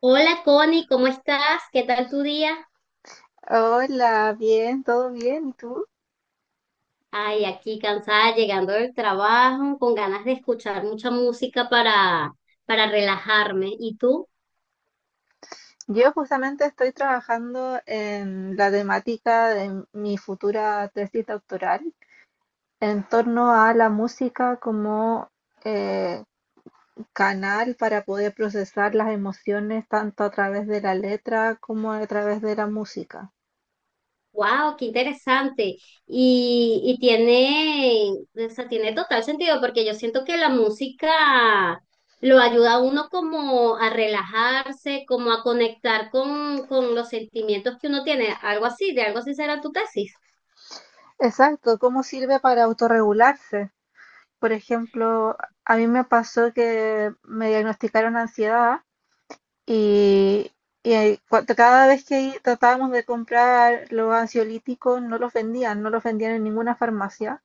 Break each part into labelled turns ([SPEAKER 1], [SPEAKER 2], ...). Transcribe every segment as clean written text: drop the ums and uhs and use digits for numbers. [SPEAKER 1] Hola Connie, ¿cómo estás? ¿Qué tal tu día?
[SPEAKER 2] Hola, bien, todo bien, ¿y tú?
[SPEAKER 1] Ay, aquí cansada, llegando del trabajo, con ganas de escuchar mucha música para relajarme. ¿Y tú?
[SPEAKER 2] Yo justamente estoy trabajando en la temática de mi futura tesis doctoral en torno a la música como eh, canal para poder procesar las emociones tanto a través de la letra como a través de la música.
[SPEAKER 1] ¡Wow! ¡Qué interesante! Y tiene, o sea, tiene total sentido porque yo siento que la música lo ayuda a uno como a relajarse, como a conectar con los sentimientos que uno tiene. Algo así, de algo así será tu tesis.
[SPEAKER 2] Exacto, ¿cómo sirve para autorregularse? Por ejemplo, a mí me pasó que me diagnosticaron ansiedad. Y, y ahí, cada vez que tratábamos de comprar los ansiolíticos, no los vendían, no los vendían en ninguna farmacia.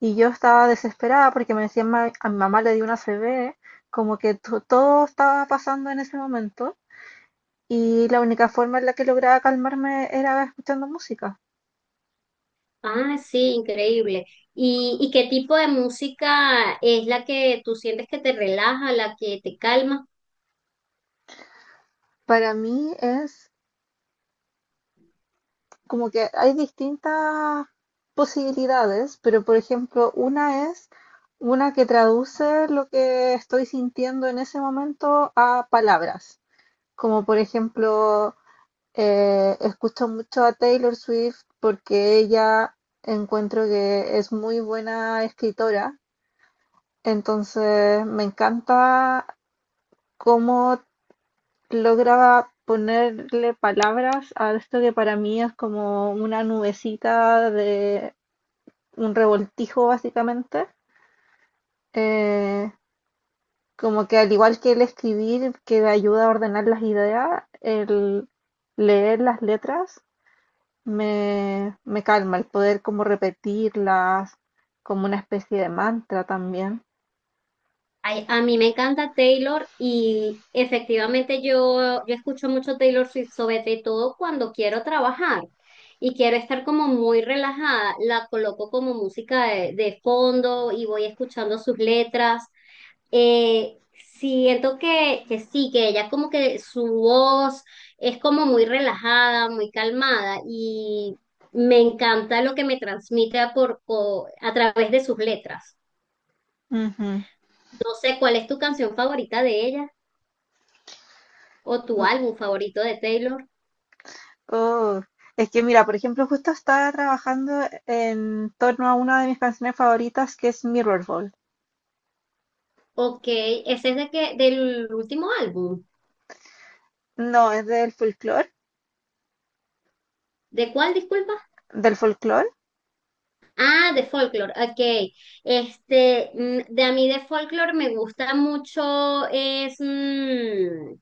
[SPEAKER 2] Y yo estaba desesperada porque me decían, A mi mamá le dio una CB", como que todo estaba pasando en ese momento. Y la única forma en la que lograba calmarme era escuchando música.
[SPEAKER 1] Ah, sí, increíble. Y qué tipo de música es la que tú sientes que te relaja, la que te calma?
[SPEAKER 2] Para mí es como que hay distintas posibilidades, pero por ejemplo, una es una que traduce lo que estoy sintiendo en ese momento a palabras, como por ejemplo, escucho mucho a Taylor Swift porque ella encuentro que es muy buena escritora, entonces me encanta cómo logra ponerle palabras a esto que para mí es como una nubecita de un revoltijo básicamente. Eh, Como que al igual que el escribir, que me ayuda a ordenar las ideas, el leer las letras me calma, el poder como repetirlas, como una especie de mantra también.
[SPEAKER 1] Ay, a mí me encanta Taylor y efectivamente yo escucho mucho Taylor Swift, sobre todo cuando quiero trabajar y quiero estar como muy relajada. La coloco como música de fondo y voy escuchando sus letras. Eh, Siento que sí, que ella como que su voz es como muy relajada, muy calmada y me encanta lo que me transmite a, por, a través de sus letras.
[SPEAKER 2] Ujú.
[SPEAKER 1] No sé cuál es tu canción favorita de ella o tu
[SPEAKER 2] Mm,
[SPEAKER 1] álbum favorito de Taylor.
[SPEAKER 2] oh, Es que mira, por ejemplo, justo estaba trabajando en torno a una de mis canciones favoritas que es Mirrorball.
[SPEAKER 1] Ok, ese es de que, del último álbum.
[SPEAKER 2] No, es del folclore,
[SPEAKER 1] ¿De cuál, disculpa?
[SPEAKER 2] del folclore.
[SPEAKER 1] Ah, de Folklore, ok. Este, mm, de a mí de Folklore me gusta mucho, es mm,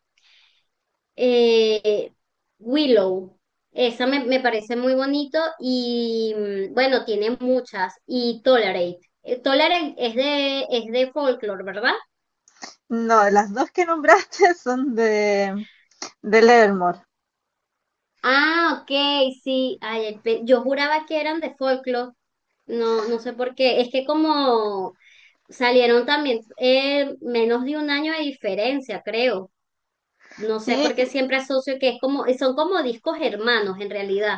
[SPEAKER 1] Eh, Willow, me parece muy bonito y mm, bueno, tiene muchas. Y Tolerate. Tolerate es de folklore, ¿verdad?
[SPEAKER 2] No, las dos que nombraste son de De Levermore.
[SPEAKER 1] Ah, ok, sí. Ay, yo juraba que eran de folklore. No, no sé por qué. Es que como salieron también menos de un año de diferencia, creo. No sé
[SPEAKER 2] Sí,
[SPEAKER 1] por qué
[SPEAKER 2] sí,
[SPEAKER 1] siempre asocio que es como, son como discos hermanos en realidad.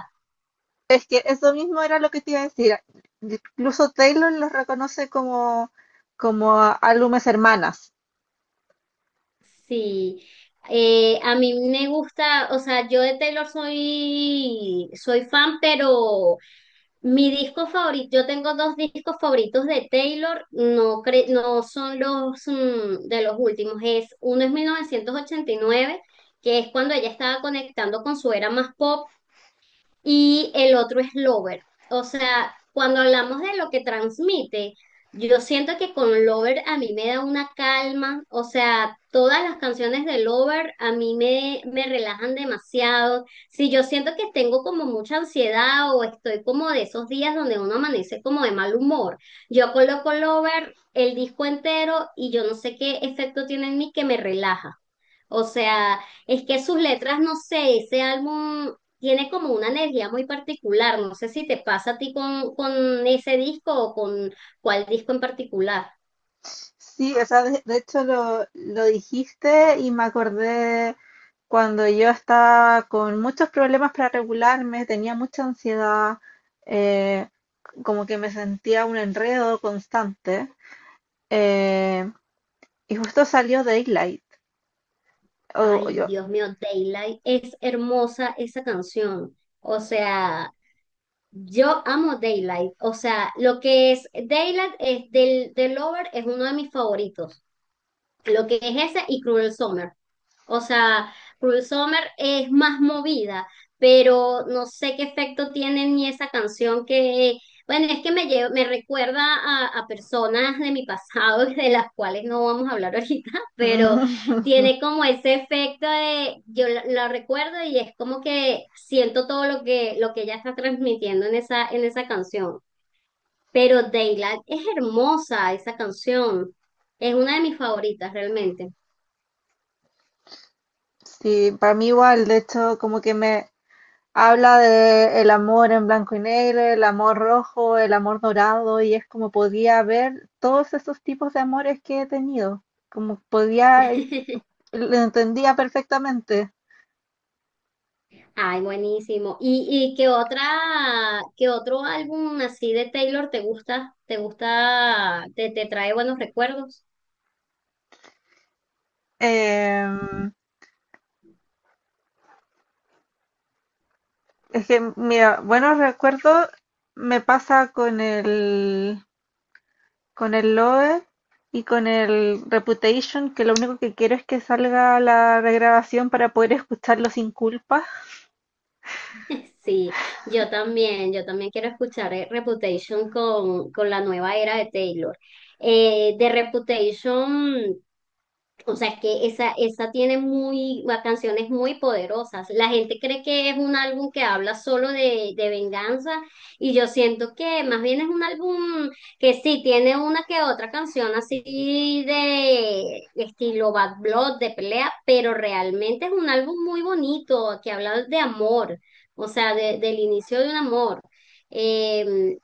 [SPEAKER 2] es que eso mismo era lo que te iba a decir. Incluso Taylor los reconoce como álbumes hermanas.
[SPEAKER 1] Sí, a mí me gusta, o sea, yo de Taylor soy fan, pero mi disco favorito, yo tengo dos discos favoritos de Taylor, no, no son los mm, de los últimos, es uno es 1989, que es cuando ella estaba conectando con su era más pop, y el otro es Lover. O sea, cuando hablamos de lo que transmite, yo siento que con Lover a mí me da una calma, o sea, todas las canciones de Lover a me relajan demasiado. Si yo siento que tengo como mucha ansiedad o estoy como de esos días donde uno amanece como de mal humor, yo coloco Lover, el disco entero y yo no sé qué efecto tiene en mí que me relaja. O sea, es que sus letras, no sé, ese álbum tiene como una energía muy particular. No sé si te pasa a ti con ese disco o con cuál disco en particular.
[SPEAKER 2] Sí, o sea, de hecho lo dijiste y me acordé cuando yo estaba con muchos problemas para regularme, tenía mucha ansiedad, eh, como que me sentía un enredo constante. eh, y justo salió Daylight. Oh,
[SPEAKER 1] Ay,
[SPEAKER 2] yo.
[SPEAKER 1] Dios mío, Daylight es hermosa esa canción. O sea, yo amo Daylight. O sea, lo que es Daylight es del Lover es uno de mis favoritos. Lo que es ese y Cruel Summer. O sea, Cruel Summer es más movida, pero no sé qué efecto tiene ni esa canción que, bueno, es que me recuerda a personas de mi pasado, de las cuales no vamos a hablar ahorita, pero tiene como ese efecto de, yo la recuerdo y es como que siento todo lo lo que ella está transmitiendo en en esa canción. Pero Daylight es hermosa esa canción. Es una de mis favoritas realmente.
[SPEAKER 2] Sí, para mí igual, de hecho, como que me habla de el amor en blanco y negro, el amor rojo, el amor dorado, y es como podía ver todos esos tipos de amores que he tenido, como podía, lo entendía perfectamente.
[SPEAKER 1] Ay, buenísimo. Y qué otra, qué otro álbum así de Taylor te gusta? ¿Te gusta, te trae buenos recuerdos?
[SPEAKER 2] Em, es que, mira, buenos recuerdos me pasa con con el Lover y con el Reputation, que lo único que quiero es que salga la regrabación para poder escucharlo sin culpa.
[SPEAKER 1] Sí, yo también quiero escuchar Reputation con la nueva era de Taylor. De Reputation. O sea, es que esa tiene muy, la canción muy poderosas. La gente cree que es un álbum que habla solo de venganza y yo siento que más bien es un álbum que sí tiene una que otra canción así de estilo Bad Blood, de pelea, pero realmente es un álbum muy bonito que habla de amor, o sea, de- del inicio de un amor. Eh,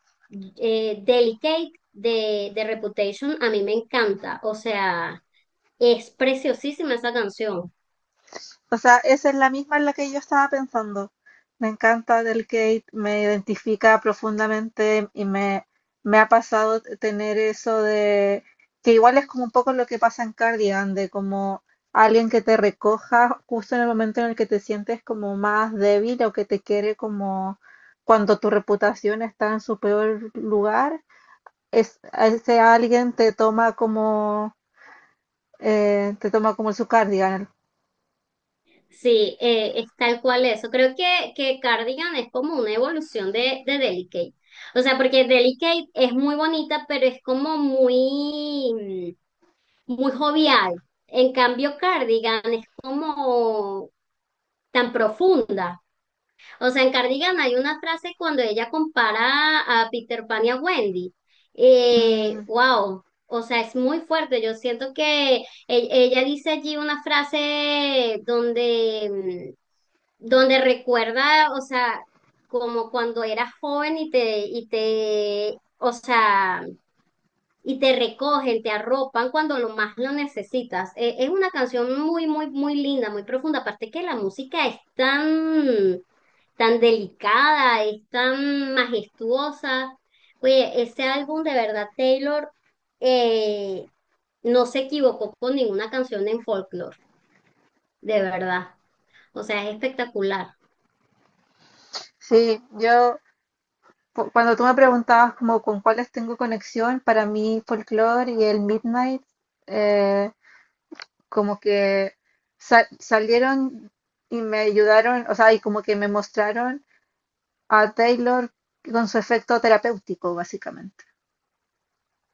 [SPEAKER 1] Delicate de Reputation a mí me encanta, o sea. Es preciosísima esa canción.
[SPEAKER 2] O sea, esa es la misma en la que yo estaba pensando. Me encanta del Kate, me identifica profundamente y me ha pasado tener eso de que igual es como un poco lo que pasa en Cardigan, de como alguien que te recoja justo en el momento en el que te sientes como más débil o que te quiere como cuando tu reputación está en su peor lugar, es, a ese alguien te toma como su Cardigan.
[SPEAKER 1] Sí, es tal cual eso. Creo que Cardigan es como una evolución de Delicate. O sea, porque Delicate es muy bonita, pero es como muy, mm, muy jovial. En cambio, Cardigan es como tan profunda. O sea, en Cardigan hay una frase cuando ella compara a Peter Pan y a Wendy.
[SPEAKER 2] Mm,
[SPEAKER 1] Wow, o sea, es muy fuerte. Yo siento que ella dice allí una frase donde, mm, donde recuerda, o sea, como cuando eras joven y o sea, y te recogen, te arropan cuando lo más lo necesitas. Es una canción muy, muy, muy linda, muy profunda. Aparte que la música es tan delicada, es tan majestuosa. Oye, ese álbum de verdad, Taylor, eh, no se equivocó con ninguna canción en folklore, de verdad. O sea, es espectacular.
[SPEAKER 2] sí, yo cuando tú me preguntabas como con cuáles tengo conexión, para mí folklore y el Midnight eh, como que salieron y me ayudaron, o sea, y como que me mostraron a Taylor con su efecto terapéutico, básicamente.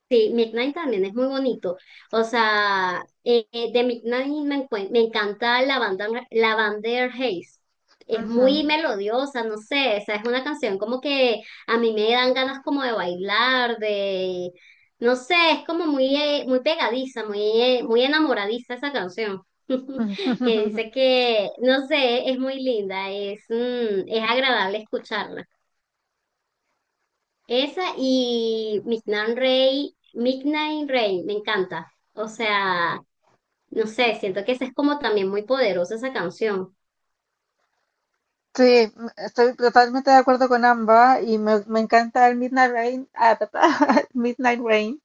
[SPEAKER 1] Sí, Midnight también es muy bonito. O sea, de Midnight me encanta la banda Lavender Haze. Es muy
[SPEAKER 2] Ujú.
[SPEAKER 1] melodiosa, no sé, o sea, es una canción como que a mí me dan ganas como de bailar, de, no sé, es como muy, muy pegadiza, muy, muy enamoradiza esa canción. Que dice que, no sé, es muy linda, es, mm, es agradable escucharla. Esa y Midnight Rain, me encanta. O sea, no sé, siento que esa es como también muy poderosa esa canción.
[SPEAKER 2] Sí, estoy totalmente de acuerdo con ambas y me encanta el Midnight Rain, ah, ta, ta, Midnight Rain.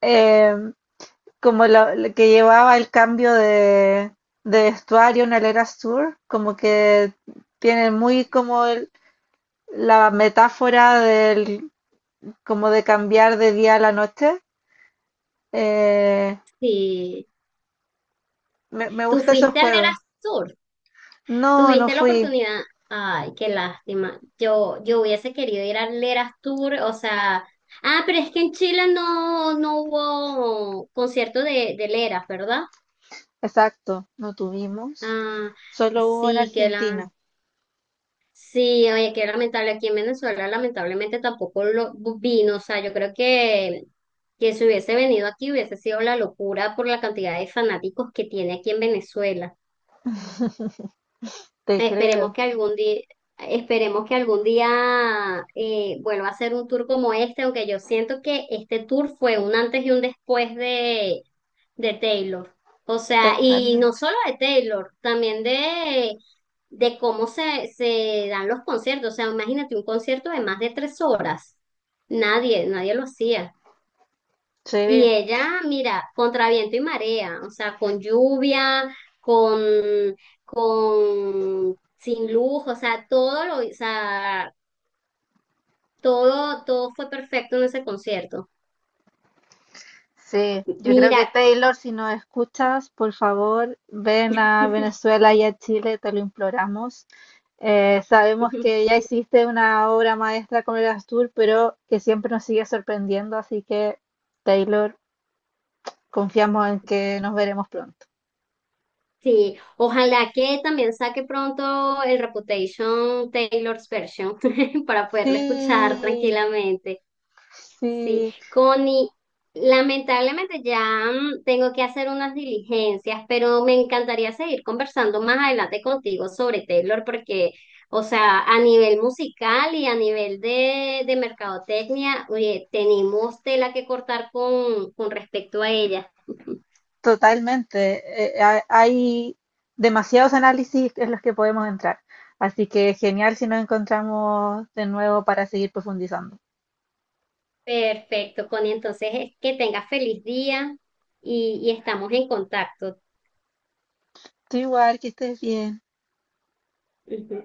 [SPEAKER 2] Em, Como la que llevaba el cambio de vestuario en el Era Sur, como que tiene muy como la metáfora del como de cambiar de día a la noche. Eh,
[SPEAKER 1] Sí.
[SPEAKER 2] Me, me
[SPEAKER 1] Tú
[SPEAKER 2] gusta esos
[SPEAKER 1] fuiste al Eras
[SPEAKER 2] juegos.
[SPEAKER 1] Tour,
[SPEAKER 2] No, no
[SPEAKER 1] tuviste la
[SPEAKER 2] fui.
[SPEAKER 1] oportunidad. Ay, qué lástima. Yo hubiese querido ir al Eras Tour, o sea. Ah, pero es que en Chile no, no hubo concierto de Leras, ¿verdad?
[SPEAKER 2] Exacto, no tuvimos.
[SPEAKER 1] Ah,
[SPEAKER 2] Solo hubo en
[SPEAKER 1] sí, que la.
[SPEAKER 2] Argentina,
[SPEAKER 1] Sí, oye, qué lamentable. Aquí en Venezuela, lamentablemente tampoco lo vino. O sea, yo creo que si hubiese venido aquí hubiese sido la locura por la cantidad de fanáticos que tiene aquí en Venezuela.
[SPEAKER 2] te
[SPEAKER 1] Esperemos
[SPEAKER 2] creo,
[SPEAKER 1] que algún día, esperemos que algún día vuelva a hacer un tour como este, aunque yo siento que este tour fue un antes y un después de Taylor. O sea, y no
[SPEAKER 2] totalmente.
[SPEAKER 1] solo de Taylor, también de cómo se dan los conciertos. O sea, imagínate un concierto de más de 3 horas. Nadie lo hacía. Y
[SPEAKER 2] Sí.
[SPEAKER 1] ella, mira, contra viento y marea, o sea, con lluvia, con, con, sin luz, o sea, todo lo, o sea, todo, todo fue perfecto en ese concierto.
[SPEAKER 2] Sí, yo creo
[SPEAKER 1] Mira,
[SPEAKER 2] que Taylor, si nos escuchas, por favor, ven a Venezuela y a Chile, te lo imploramos. Sabemos que ya hiciste una obra maestra con el Astur, pero que siempre nos sigue sorprendiendo, así que Taylor, confiamos en que nos veremos pronto.
[SPEAKER 1] sí, ojalá que también saque pronto el Reputation Taylor's Version para poderlo escuchar
[SPEAKER 2] Sí,
[SPEAKER 1] tranquilamente. Sí,
[SPEAKER 2] sí,
[SPEAKER 1] Connie, lamentablemente ya mm, tengo que hacer unas diligencias, pero me encantaría seguir conversando más adelante contigo sobre Taylor porque, o sea, a nivel musical y a nivel de mercadotecnia, oye, tenemos tela que cortar con respecto a ella.
[SPEAKER 2] totalmente. Hay demasiados análisis en los que podemos entrar, así que genial si nos encontramos de nuevo para seguir profundizando.
[SPEAKER 1] Perfecto, Connie, entonces es que tengas feliz día y estamos en contacto.
[SPEAKER 2] Tú igual, que estés bien.
[SPEAKER 1] Ujú.